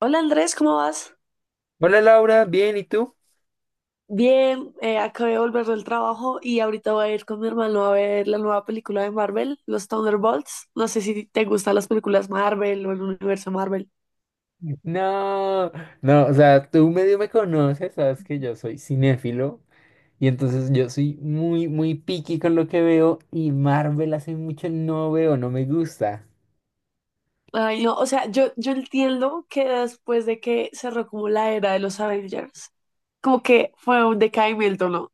Hola Andrés, ¿cómo vas? Hola Laura, bien, ¿y tú? Bien, acabé de volver del trabajo y ahorita voy a ir con mi hermano a ver la nueva película de Marvel, los Thunderbolts. No sé si te gustan las películas Marvel o el universo Marvel. No, no, o sea, tú medio me conoces, sabes que yo soy cinéfilo y entonces yo soy muy, muy picky con lo que veo y Marvel hace mucho no veo, no me gusta. Ay, no, o sea, yo entiendo que después de que cerró como la era de los Avengers, como que fue un decaimiento, ¿no?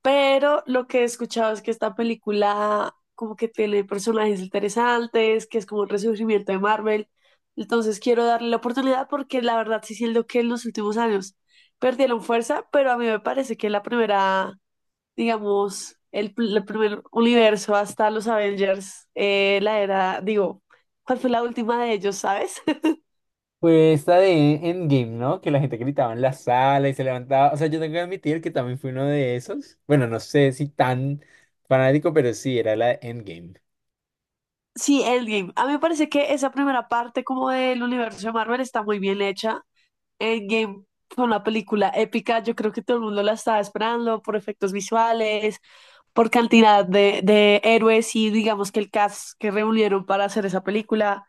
Pero lo que he escuchado es que esta película como que tiene personajes interesantes, que es como un resurgimiento de Marvel. Entonces quiero darle la oportunidad porque la verdad sí siento que en los últimos años perdieron fuerza, pero a mí me parece que la primera, digamos, el primer universo hasta los Avengers, la era, digo, ¿cuál fue la última de ellos, sabes? Pues esta de Endgame, ¿no? Que la gente gritaba en la sala y se levantaba. O sea, yo tengo que admitir que también fui uno de esos. Bueno, no sé si tan fanático, pero sí, era la de Endgame. Sí, Endgame. A mí me parece que esa primera parte como del universo de Marvel está muy bien hecha. Endgame fue una película épica, yo creo que todo el mundo la estaba esperando por efectos visuales, por cantidad de héroes y digamos que el cast que reunieron para hacer esa película.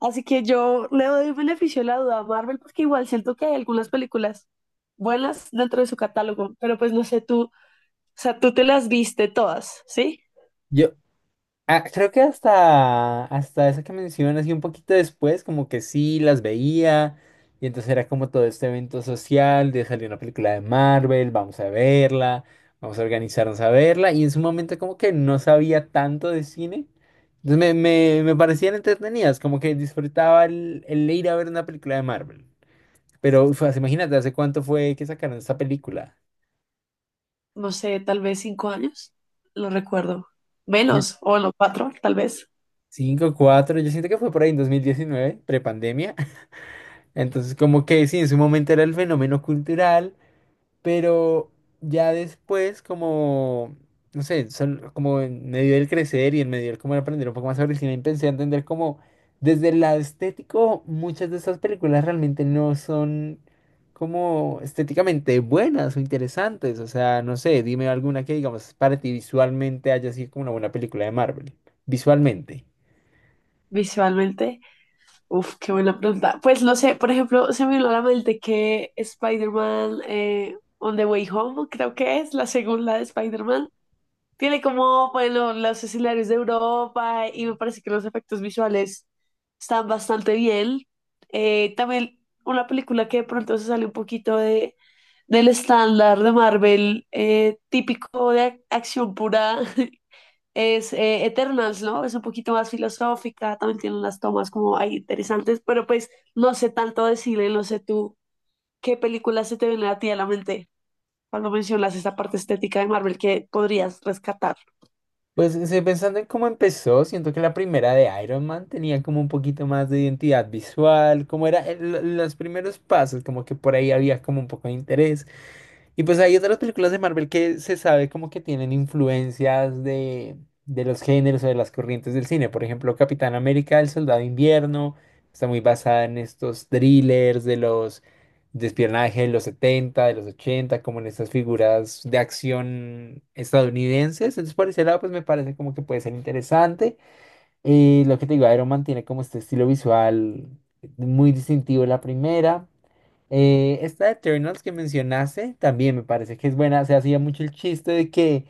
Así que yo le doy el beneficio de la duda a Marvel porque igual siento que hay algunas películas buenas dentro de su catálogo, pero pues no sé tú, o sea, tú te las viste todas, ¿sí? Yo, ah, creo que hasta esa que mencionas y un poquito después, como que sí las veía. Y entonces era como todo este evento social de salir una película de Marvel, vamos a verla, vamos a organizarnos a verla. Y en su momento como que no sabía tanto de cine. Entonces me parecían entretenidas, como que disfrutaba el ir a ver una película de Marvel. Pero uf, imagínate, ¿hace cuánto fue que sacaron esta película? No sé, tal vez cinco años, lo recuerdo. Menos, o no, cuatro, tal vez, Cinco, cuatro, yo siento que fue por ahí en 2019, prepandemia. Entonces, como que sí, en su momento era el fenómeno cultural, pero ya después, como, no sé, como en medio del crecer y en medio del como de aprender un poco más sobre el cine, empecé a entender como desde el lado estético, muchas de estas películas realmente no son como estéticamente buenas o interesantes. O sea, no sé, dime alguna que, digamos, para ti visualmente haya sido como una buena película de Marvel, visualmente. visualmente. Uf, qué buena pregunta. Pues no sé, por ejemplo, se me vino a la mente que Spider-Man, On the Way Home, creo que es la segunda de Spider-Man, tiene como, bueno, los escenarios de Europa y me parece que los efectos visuales están bastante bien. También una película que de pronto se sale un poquito del estándar de Marvel, típico de acción pura, es Eternals, ¿no? Es un poquito más filosófica, también tiene unas tomas como ahí interesantes, pero pues no sé tanto decirle, no sé tú qué película se te viene a ti a la mente cuando mencionas esa parte estética de Marvel que podrías rescatar. Pues estoy pensando en cómo empezó, siento que la primera de Iron Man tenía como un poquito más de identidad visual, como era los primeros pasos, como que por ahí había como un poco de interés. Y pues hay otras películas de Marvel que se sabe como que tienen influencias de los géneros o de las corrientes del cine. Por ejemplo, Capitán América, El Soldado de Invierno, está muy basada en estos thrillers de los despiernaje de los setenta, de los ochenta, como en estas figuras de acción estadounidenses. Entonces, por ese lado, pues me parece como que puede ser interesante. Y lo que te digo, Iron Man tiene como este estilo visual muy distintivo la primera. Esta de Eternals que mencionaste también me parece que es buena. Se hacía mucho el chiste de que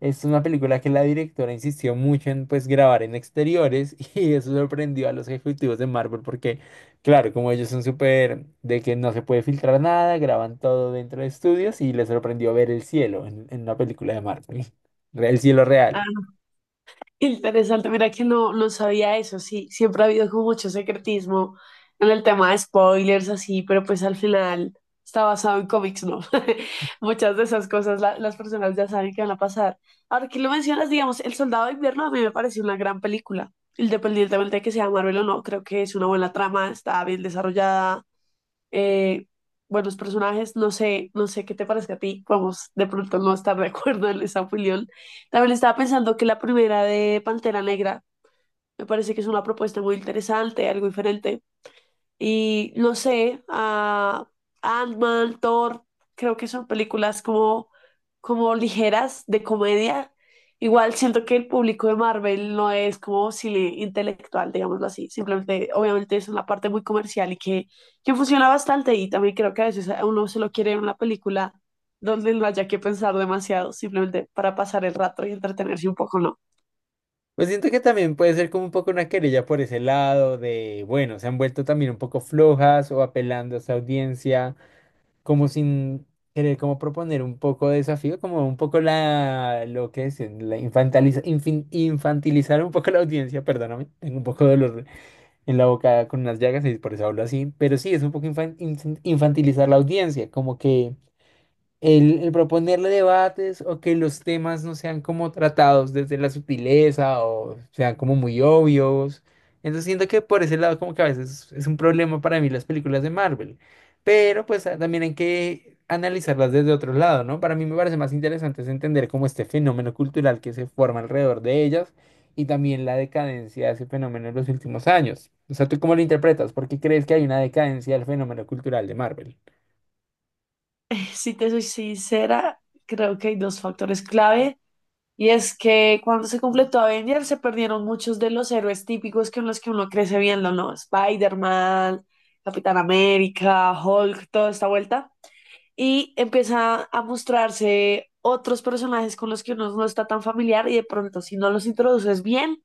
es una película que la directora insistió mucho en pues grabar en exteriores y eso sorprendió a los ejecutivos de Marvel porque, claro, como ellos son súper de que no se puede filtrar nada, graban todo dentro de estudios y les sorprendió ver el cielo en una película de Marvel, el cielo real. Interesante, mira que no, no sabía eso, sí, siempre ha habido como mucho secretismo en el tema de spoilers, así, pero pues al final está basado en cómics, ¿no? Muchas de esas cosas las personas ya saben que van a pasar. Ahora que lo mencionas, digamos, El Soldado de Invierno a mí me pareció una gran película, independientemente de que sea Marvel o no, creo que es una buena trama, está bien desarrollada, eh, buenos personajes, no sé, no sé qué te parece a ti, vamos de pronto no estar de acuerdo en esa opinión. También estaba pensando que la primera de Pantera Negra me parece que es una propuesta muy interesante, algo diferente. Y no sé, a Ant-Man, Thor, creo que son películas como, como ligeras de comedia. Igual siento que el público de Marvel no es como cine intelectual, digámoslo así. Simplemente, obviamente es una parte muy comercial que funciona bastante. Y también creo que a veces a uno se lo quiere en una película donde no haya que pensar demasiado, simplemente para pasar el rato y entretenerse un poco, ¿no? Pues siento que también puede ser como un poco una querella por ese lado de, bueno, se han vuelto también un poco flojas o apelando a esa audiencia, como sin querer como proponer un poco de desafío, como un poco la, lo que es, la infantilizar un poco la audiencia, perdóname, tengo un poco de dolor en la boca con unas llagas y por eso hablo así, pero sí, es un poco infantilizar la audiencia, como que... el proponerle debates o que los temas no sean como tratados desde la sutileza o sean como muy obvios. Entonces siento que por ese lado como que a veces es un problema para mí las películas de Marvel. Pero pues ah, también hay que analizarlas desde otro lado, ¿no? Para mí me parece más interesante es entender como este fenómeno cultural que se forma alrededor de ellas y también la decadencia de ese fenómeno en los últimos años. O sea, ¿tú cómo lo interpretas? ¿Por qué crees que hay una decadencia del fenómeno cultural de Marvel? Si te soy sincera, creo que hay dos factores clave. Y es que cuando se completó Avengers se perdieron muchos de los héroes típicos con los que uno crece viendo, ¿no? Spider-Man, Capitán América, Hulk, toda esta vuelta. Y empieza a mostrarse otros personajes con los que uno no está tan familiar y de pronto si no los introduces bien,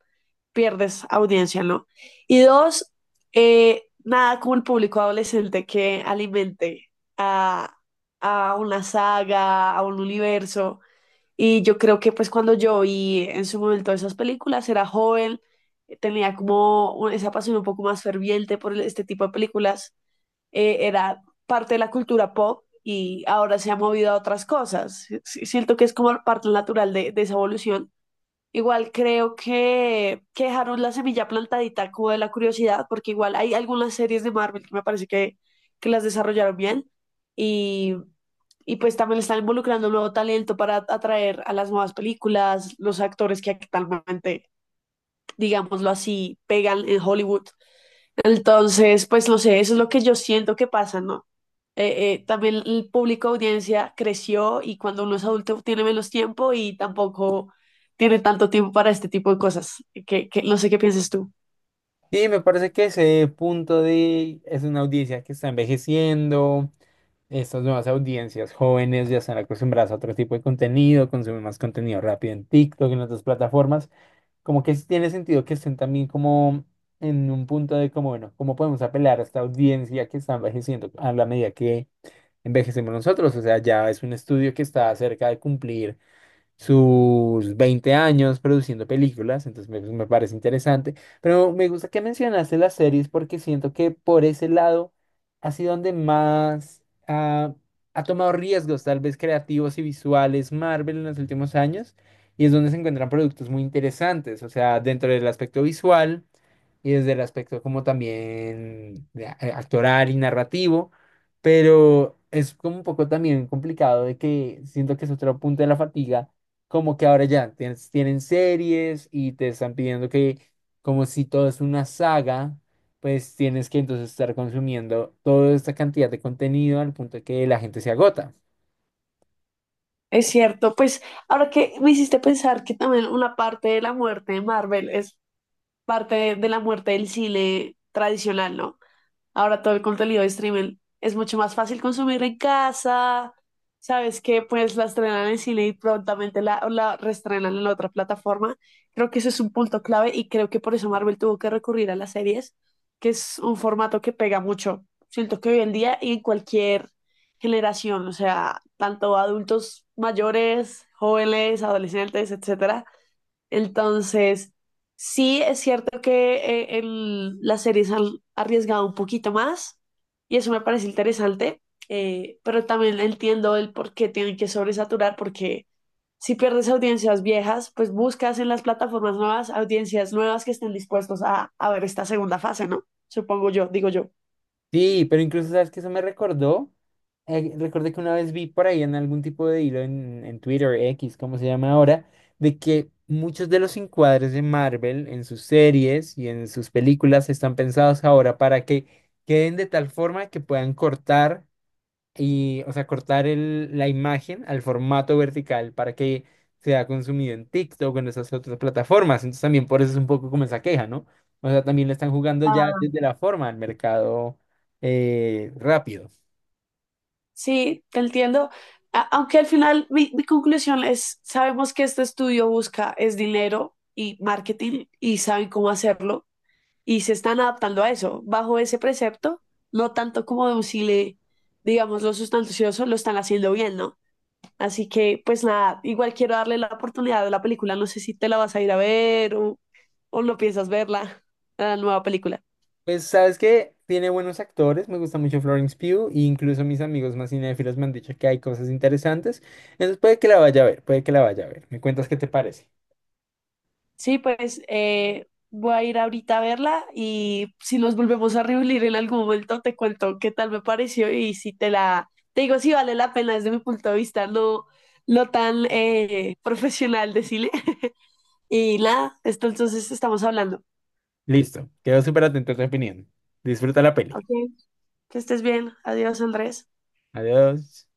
pierdes audiencia, ¿no? Y dos, nada como el público adolescente que alimente a, a una saga, a un universo y yo creo que pues cuando yo vi en su momento esas películas, era joven, tenía como esa pasión un poco más ferviente por este tipo de películas, era parte de la cultura pop y ahora se ha movido a otras cosas. Sí, siento que es como parte natural de esa evolución. Igual creo que dejaron la semilla plantadita como de la curiosidad, porque igual hay algunas series de Marvel que me parece que las desarrollaron bien y pues también están involucrando un nuevo talento para atraer a las nuevas películas, los actores que actualmente, digámoslo así, pegan en Hollywood. Entonces, pues no sé, eso es lo que yo siento que pasa, ¿no? También el público audiencia creció y cuando uno es adulto tiene menos tiempo y tampoco tiene tanto tiempo para este tipo de cosas. Que no sé qué piensas tú. Sí, me parece que ese punto de es una audiencia que está envejeciendo, estas nuevas audiencias jóvenes ya están acostumbradas a otro tipo de contenido, consumen más contenido rápido en TikTok, en otras plataformas, como que sí tiene sentido que estén también como en un punto de como, bueno, ¿cómo podemos apelar a esta audiencia que está envejeciendo a la medida que envejecemos nosotros? O sea, ya es un estudio que está cerca de cumplir sus 20 años produciendo películas, entonces me parece interesante. Pero me gusta que mencionaste las series porque siento que por ese lado ha sido donde más ah, ha tomado riesgos, tal vez creativos y visuales, Marvel en los últimos años, y es donde se encuentran productos muy interesantes, o sea, dentro del aspecto visual y desde el aspecto como también de actoral y narrativo, pero es como un poco también complicado de que siento que es otro punto de la fatiga, como que ahora ya tienen series y te están pidiendo que, como si todo es una saga, pues tienes que entonces estar consumiendo toda esta cantidad de contenido al punto de que la gente se agota. Es cierto, pues ahora que me hiciste pensar que también una parte de la muerte de Marvel es parte de la muerte del cine tradicional, ¿no? Ahora todo el contenido de streaming es mucho más fácil consumir en casa. Sabes que pues la estrenan en cine y prontamente la reestrenan en la otra plataforma. Creo que eso es un punto clave y creo que por eso Marvel tuvo que recurrir a las series, que es un formato que pega mucho. Siento que hoy en día y en cualquier generación, o sea, tanto adultos mayores, jóvenes, adolescentes, etcétera. Entonces, sí es cierto que las series han arriesgado un poquito más y eso me parece interesante, pero también entiendo el por qué tienen que sobresaturar, porque si pierdes audiencias viejas, pues buscas en las plataformas nuevas audiencias nuevas que estén dispuestos a ver esta segunda fase, ¿no? Supongo yo, digo yo. Sí, pero incluso sabes que eso me recordó. Recordé que una vez vi por ahí en algún tipo de hilo en Twitter, X, como se llama ahora, de que muchos de los encuadres de Marvel en sus series y en sus películas están pensados ahora para que queden de tal forma que puedan cortar. Y, o sea, cortar la imagen al formato vertical para que sea consumido en TikTok o en esas otras plataformas. Entonces también por eso es un poco como esa queja, ¿no? O sea, también le están jugando ya Ah, desde la forma al mercado rápido. sí, te entiendo. Aunque al final mi conclusión es, sabemos que este estudio busca es dinero y marketing y saben cómo hacerlo, y se están adaptando a eso, bajo ese precepto, no tanto como de un le, digamos, los sustanciosos lo están haciendo bien, ¿no? Así que, pues nada, igual quiero darle la oportunidad de la película, no sé si te la vas a ir a ver o no piensas verla, la nueva película. Pues, ¿sabes qué? Tiene buenos actores, me gusta mucho Florence Pugh, e incluso mis amigos más cinéfilos me han dicho que hay cosas interesantes. Entonces puede que la vaya a ver, puede que la vaya a ver. Me cuentas qué te parece. Sí, pues voy a ir ahorita a verla y si nos volvemos a reunir en algún momento te cuento qué tal me pareció y si te la, te digo si vale la pena desde mi punto de vista, no, no tan profesional decirle. Y nada, esto entonces estamos hablando. Listo, quedo súper atento a tu opinión. Disfruta la peli. Ok, que estés bien. Adiós, Andrés. Adiós.